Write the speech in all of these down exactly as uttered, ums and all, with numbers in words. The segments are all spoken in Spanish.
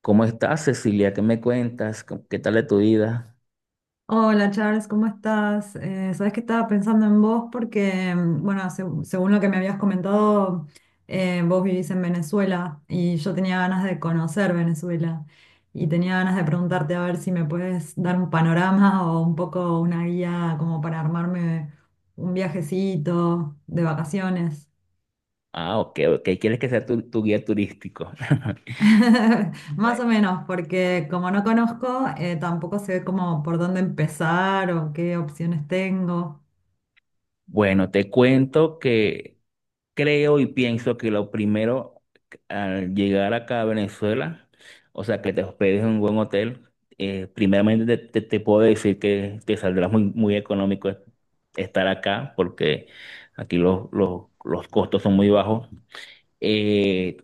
¿Cómo estás, Cecilia? ¿Qué me cuentas? ¿Cómo- ¿Qué tal de tu vida? Hola Charles, ¿cómo estás? Eh, sabes que estaba pensando en vos porque, mm, bueno, seg- según lo que me habías comentado, eh, vos vivís en Venezuela y yo tenía ganas de conocer Venezuela y tenía ganas de preguntarte a ver si me puedes dar un panorama o un poco una guía como para armarme un viajecito de vacaciones. Ah, ok, ok. ¿Quieres que sea tu, tu guía turístico? Más o Bueno, menos, porque como no conozco, eh, tampoco sé cómo por dónde empezar o qué opciones tengo. Bueno, te cuento que creo y pienso que lo primero al llegar acá a Venezuela, o sea, que te hospedes en un buen hotel. Eh, primeramente te, te- te puedo decir que te saldrá muy, muy económico estar acá, porque aquí los, los, los costos son muy bajos. Eh,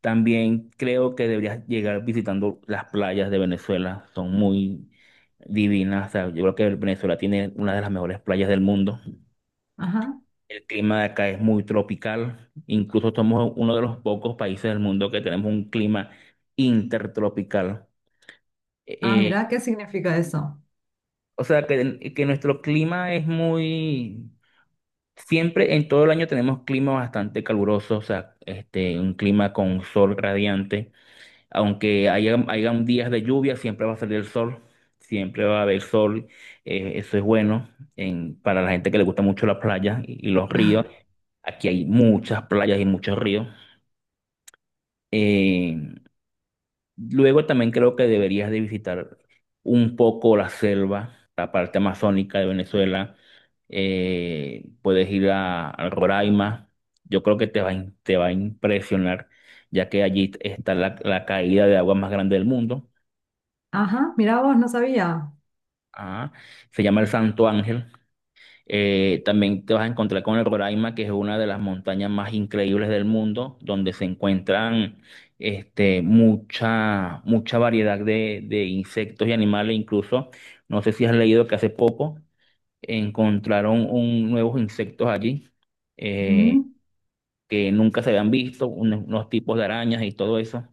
También creo que deberías llegar visitando las playas de Venezuela, son muy divinas. O sea, yo creo que Venezuela tiene una de las mejores playas del mundo. Ajá. El clima de acá es muy tropical, incluso somos uno de los pocos países del mundo que tenemos un clima intertropical. Eh, Ah, eh, mirá, ¿qué significa eso? o sea, que, que nuestro clima es muy... Siempre en todo el año tenemos clima bastante caluroso, o sea, este, un clima con sol radiante. Aunque haya, hayan días de lluvia, siempre va a salir el sol, siempre va a haber sol. Eh, eso es bueno en- para la gente que le gusta mucho la playa y, y los ríos. Aquí hay muchas playas y muchos ríos. Eh, Luego también creo que deberías de visitar un poco la selva, la parte amazónica de Venezuela. Eh, puedes ir a, a Roraima. Yo creo que te va, a in- te va a impresionar, ya que allí está la la caída de agua más grande del mundo. Ajá, mirá vos, no sabía. Ah, se llama el Santo Ángel. Eh, también te vas a encontrar con el Roraima, que es una de las montañas más increíbles del mundo, donde se encuentran, este, mucha, mucha variedad de, de insectos y animales. Incluso, no sé si has leído que hace poco encontraron un, nuevos insectos allí, eh, que nunca se habían visto, unos, unos tipos de arañas y todo eso.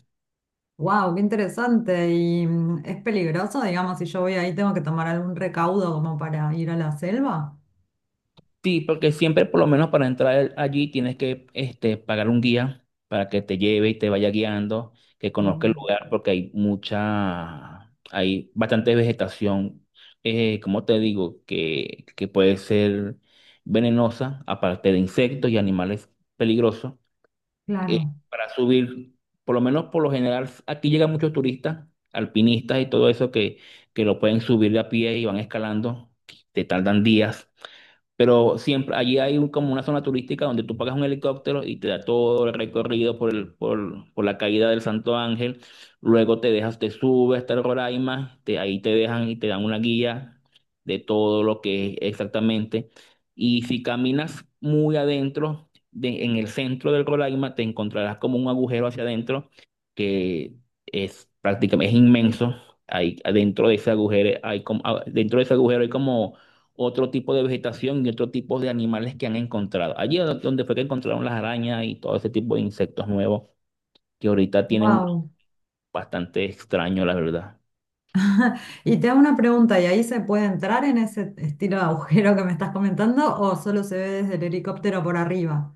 Wow, qué interesante. ¿Y mm, es peligroso, digamos, si yo voy ahí, tengo que tomar algún recaudo como para ir a la selva? Sí, porque siempre, por lo menos para entrar allí, tienes que, este, pagar un guía para que te lleve y te vaya guiando, que conozca el Mm, lugar, porque hay mucha, hay bastante vegetación. Eh, como te digo, que, que puede ser venenosa, aparte de insectos y animales peligrosos. Eh, claro. para subir, por lo menos por lo general, aquí llegan muchos turistas, alpinistas y todo eso, que, que lo pueden subir de a pie y van escalando, te tardan días, pero siempre allí hay un- como una zona turística donde tú pagas un helicóptero y te da todo el recorrido por el, por, por la caída del Santo Ángel. Luego te dejas, te subes hasta el Roraima, te, ahí te dejan y te dan una guía de todo lo que es exactamente. Y si caminas muy adentro, de- en el centro del Roraima, te encontrarás como un agujero hacia adentro que es prácticamente es inmenso. Ahí, adentro de ese agujero hay como, ah, dentro de ese agujero hay como otro tipo de vegetación y otro tipo de animales que han encontrado. Allí es donde fue que encontraron las arañas y todo ese tipo de insectos nuevos que ahorita tienen un Wow. bastante extraño, la verdad. Y te hago una pregunta, ¿y ahí se puede entrar en ese estilo de agujero que me estás comentando o solo se ve desde el helicóptero por arriba?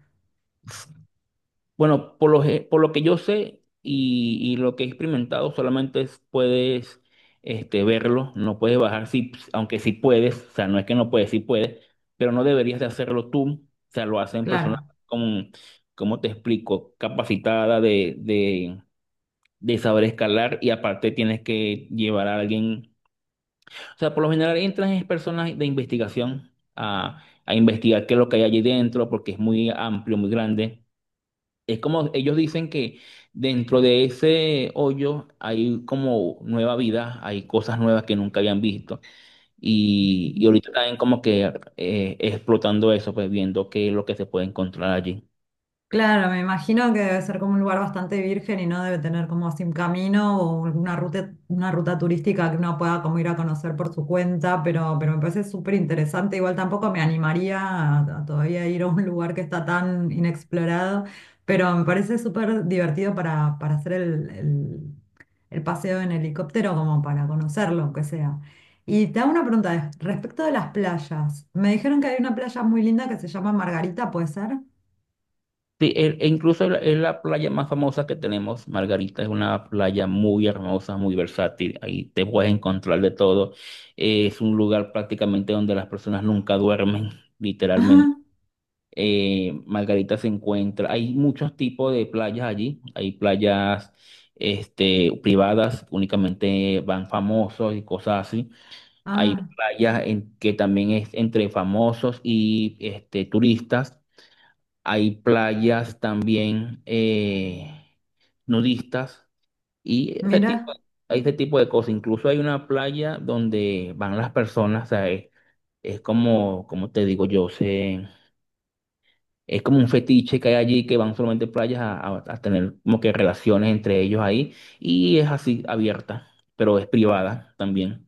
Bueno, por lo, ge- por lo que yo sé y, y lo que he experimentado, solamente es- puedes, este, verlo, no puedes bajar. Sí, aunque sí puedes, o sea, no es que no puedes, sí puedes, pero no deberías de hacerlo tú. O sea, lo hacen personas Claro. con, ¿cómo te explico? Capacitada de, de saber escalar, y aparte tienes que llevar a alguien. O sea, por lo general entran es personas de investigación a, a investigar qué es lo que hay allí dentro, porque es muy amplio, muy grande. Es como ellos dicen, que dentro de ese hoyo hay como nueva vida, hay cosas nuevas que nunca habían visto, y, y ahorita están como que, eh, explotando eso, pues, viendo qué es lo que se puede encontrar allí. Claro, me imagino que debe ser como un lugar bastante virgen y no debe tener como así un camino o una ruta, una ruta turística que uno pueda como ir a conocer por su cuenta, pero, pero me parece súper interesante. Igual tampoco me animaría a, a todavía ir a un lugar que está tan inexplorado, pero me parece súper divertido para, para hacer el, el- el paseo en helicóptero como para conocerlo, aunque sea. Y te hago una pregunta eh, respecto de las playas. Me dijeron que hay una playa muy linda que se llama Margarita, ¿puede ser? Sí, e, e incluso es la es la playa más famosa que tenemos. Margarita es una playa muy hermosa, muy versátil. Ahí te puedes encontrar de todo. Eh, es un lugar prácticamente donde las personas nunca duermen, literalmente. Eh, Margarita se encuentra, hay muchos tipos de playas allí. Hay playas, este, privadas, únicamente van famosos y cosas así. Hay Ah, playas en que también es entre famosos y, este, turistas. Hay playas también, eh, nudistas, y ese tipo, mira, hay ese tipo de cosas. Incluso hay una playa donde van las personas. O sea, es, es como, como te digo yo, se, es como un fetiche que hay allí, que van solamente playas a, a- a tener como que relaciones entre ellos ahí, y es así abierta, pero es privada también.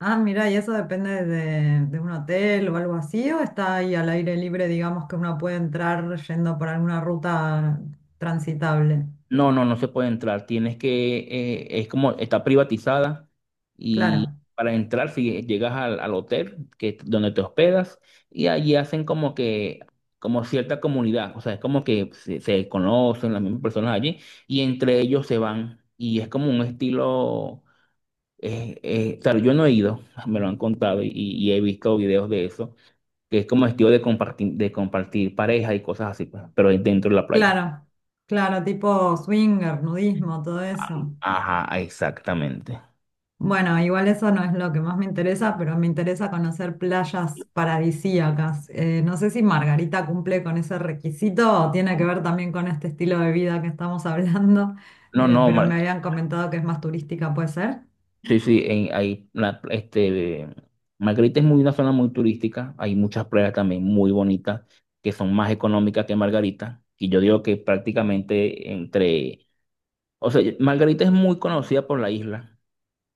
ah, mira, y eso depende de, de un hotel o algo así, o está ahí al aire libre, digamos que uno puede entrar yendo por alguna ruta transitable. No, no, no se puede entrar. Tienes que, eh, es como, está privatizada, y Claro, para entrar, si llegas al, al hotel que, donde te hospedas, y allí hacen como que, como cierta comunidad. O sea, es como que se, se conocen las mismas personas allí y entre ellos se van, y es como un estilo. Eh, eh, claro, yo no he ido, me lo han contado y, y he visto videos de eso, que es como estilo de compartir, de compartir pareja y cosas así, pues, pero es dentro de la playa. claro, claro, tipo swinger, nudismo, todo eso. Ajá, exactamente. Bueno, igual eso no es lo que más me interesa, pero me interesa conocer playas paradisíacas. Eh, no sé si Margarita cumple con ese requisito o tiene que ver también con este estilo de vida que estamos hablando, No, eh, no, pero me Mar- habían comentado que es más turística, ¿puede ser? Sí, sí, en- hay la- este, Margarita es muy una zona muy turística, hay muchas playas también muy bonitas que son más económicas que Margarita, y yo digo que prácticamente entre, o sea, Margarita es muy conocida por la isla.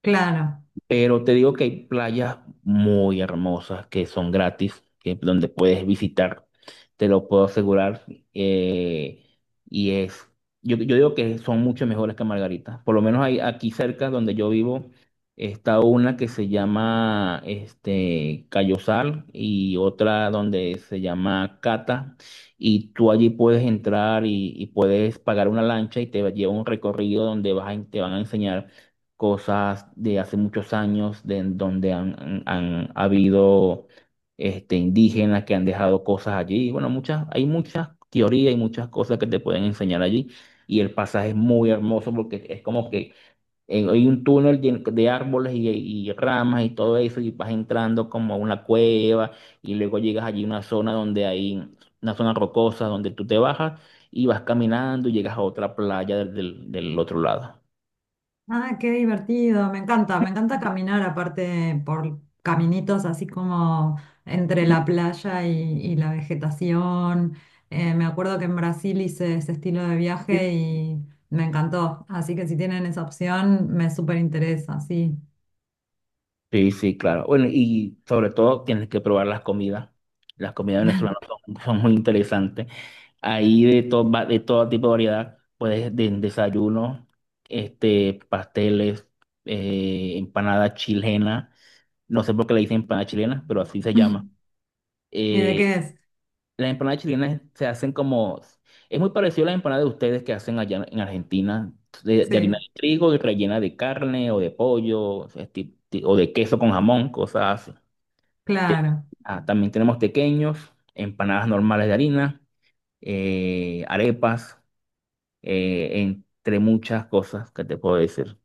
Claro. Pero te digo que hay playas muy hermosas que son gratis, que donde puedes visitar, te lo puedo asegurar. eh, y es, yo, yo digo que son mucho mejores que Margarita. Por lo menos hay, aquí cerca donde yo vivo está una que se llama, este, Cayosal, y otra donde se llama Cata. Y tú allí puedes entrar y, y puedes pagar una lancha y te lleva un recorrido donde vas a- te van a enseñar cosas de hace muchos años, de en donde han, han- han habido, este, indígenas que han dejado cosas allí. Bueno, muchas, hay muchas teorías y muchas cosas que te pueden enseñar allí. Y el pasaje es muy hermoso porque es como que, eh, hay un túnel llen- de árboles y, y ramas y todo eso, y vas entrando como a una cueva, y luego llegas allí a una zona donde hay una zona rocosa donde tú te bajas y vas caminando y llegas a otra playa del del- del otro lado. Ah, qué divertido. Me encanta, me encanta caminar aparte por caminitos así como entre la playa y, y la vegetación. Eh, me acuerdo que en Brasil hice ese estilo de viaje y me encantó. Así que si tienen esa opción, me súper interesa, sí. Sí, sí, claro. Bueno, y sobre todo tienes que probar las comidas. Las comidas venezolanas son, son muy interesantes. Ahí de todo, va- de todo tipo de variedad, puedes de desayuno, este, pasteles, eh, empanada chilena. No sé por qué le dicen empanada chilena, pero así se llama. ¿Y de Eh, qué es? las empanadas chilenas se hacen como, es muy parecido a las empanadas de ustedes que hacen allá en Argentina, de, de harina Sí, de trigo y rellena de carne o de pollo, este, o de queso con jamón, cosas así. Te- claro. ah, también tenemos tequeños, empanadas normales de harina, eh, arepas, eh, entre muchas cosas que te puedo decir.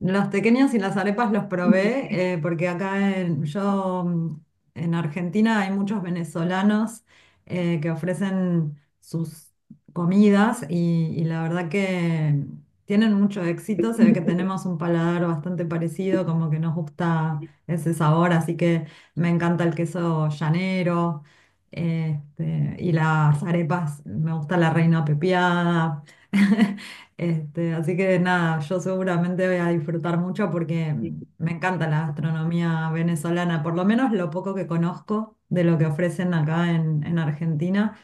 Los pequeños y las arepas los probé eh, porque acá en, yo mm, en Argentina hay muchos venezolanos eh, que ofrecen sus comidas y, y la verdad que tienen mucho éxito. Se ve que tenemos un paladar bastante parecido, como que nos gusta ese sabor, así que me encanta el queso llanero este, y las arepas, me gusta la reina pepiada. Este, así que nada, yo seguramente voy a disfrutar mucho porque me encanta la gastronomía venezolana, por lo menos lo poco que conozco de lo que ofrecen acá en, en Argentina.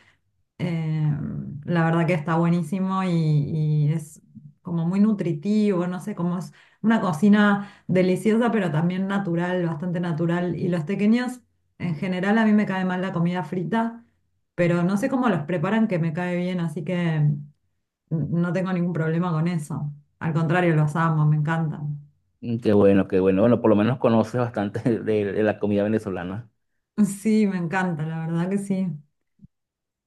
Eh, la verdad que está buenísimo y, y es como muy nutritivo, no sé, como es una cocina deliciosa, pero también natural, bastante natural. Y los tequeños, en general, a mí me cae mal la comida frita, pero no sé cómo los preparan que me cae bien, así que... No tengo ningún problema con eso. Al contrario, los amo, me encantan. Mm, qué bueno, qué bueno. Bueno, por lo menos conoces bastante de, de la comida venezolana. Sí, me encanta, la verdad que sí.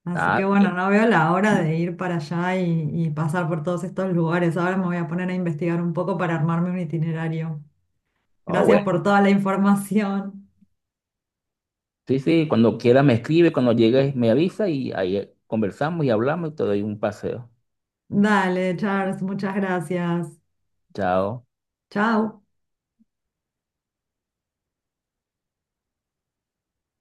Así Ah, que bueno, no veo la hora de ir para allá y, y pasar por todos estos lugares. Ahora me voy a poner a investigar un poco para armarme un itinerario. oh, bueno. Gracias por toda la información. Sí, sí, cuando quieras me escribe, cuando llegues me avisa y ahí conversamos y hablamos y te doy un paseo. Dale, Charles, muchas gracias. Chao. Chao.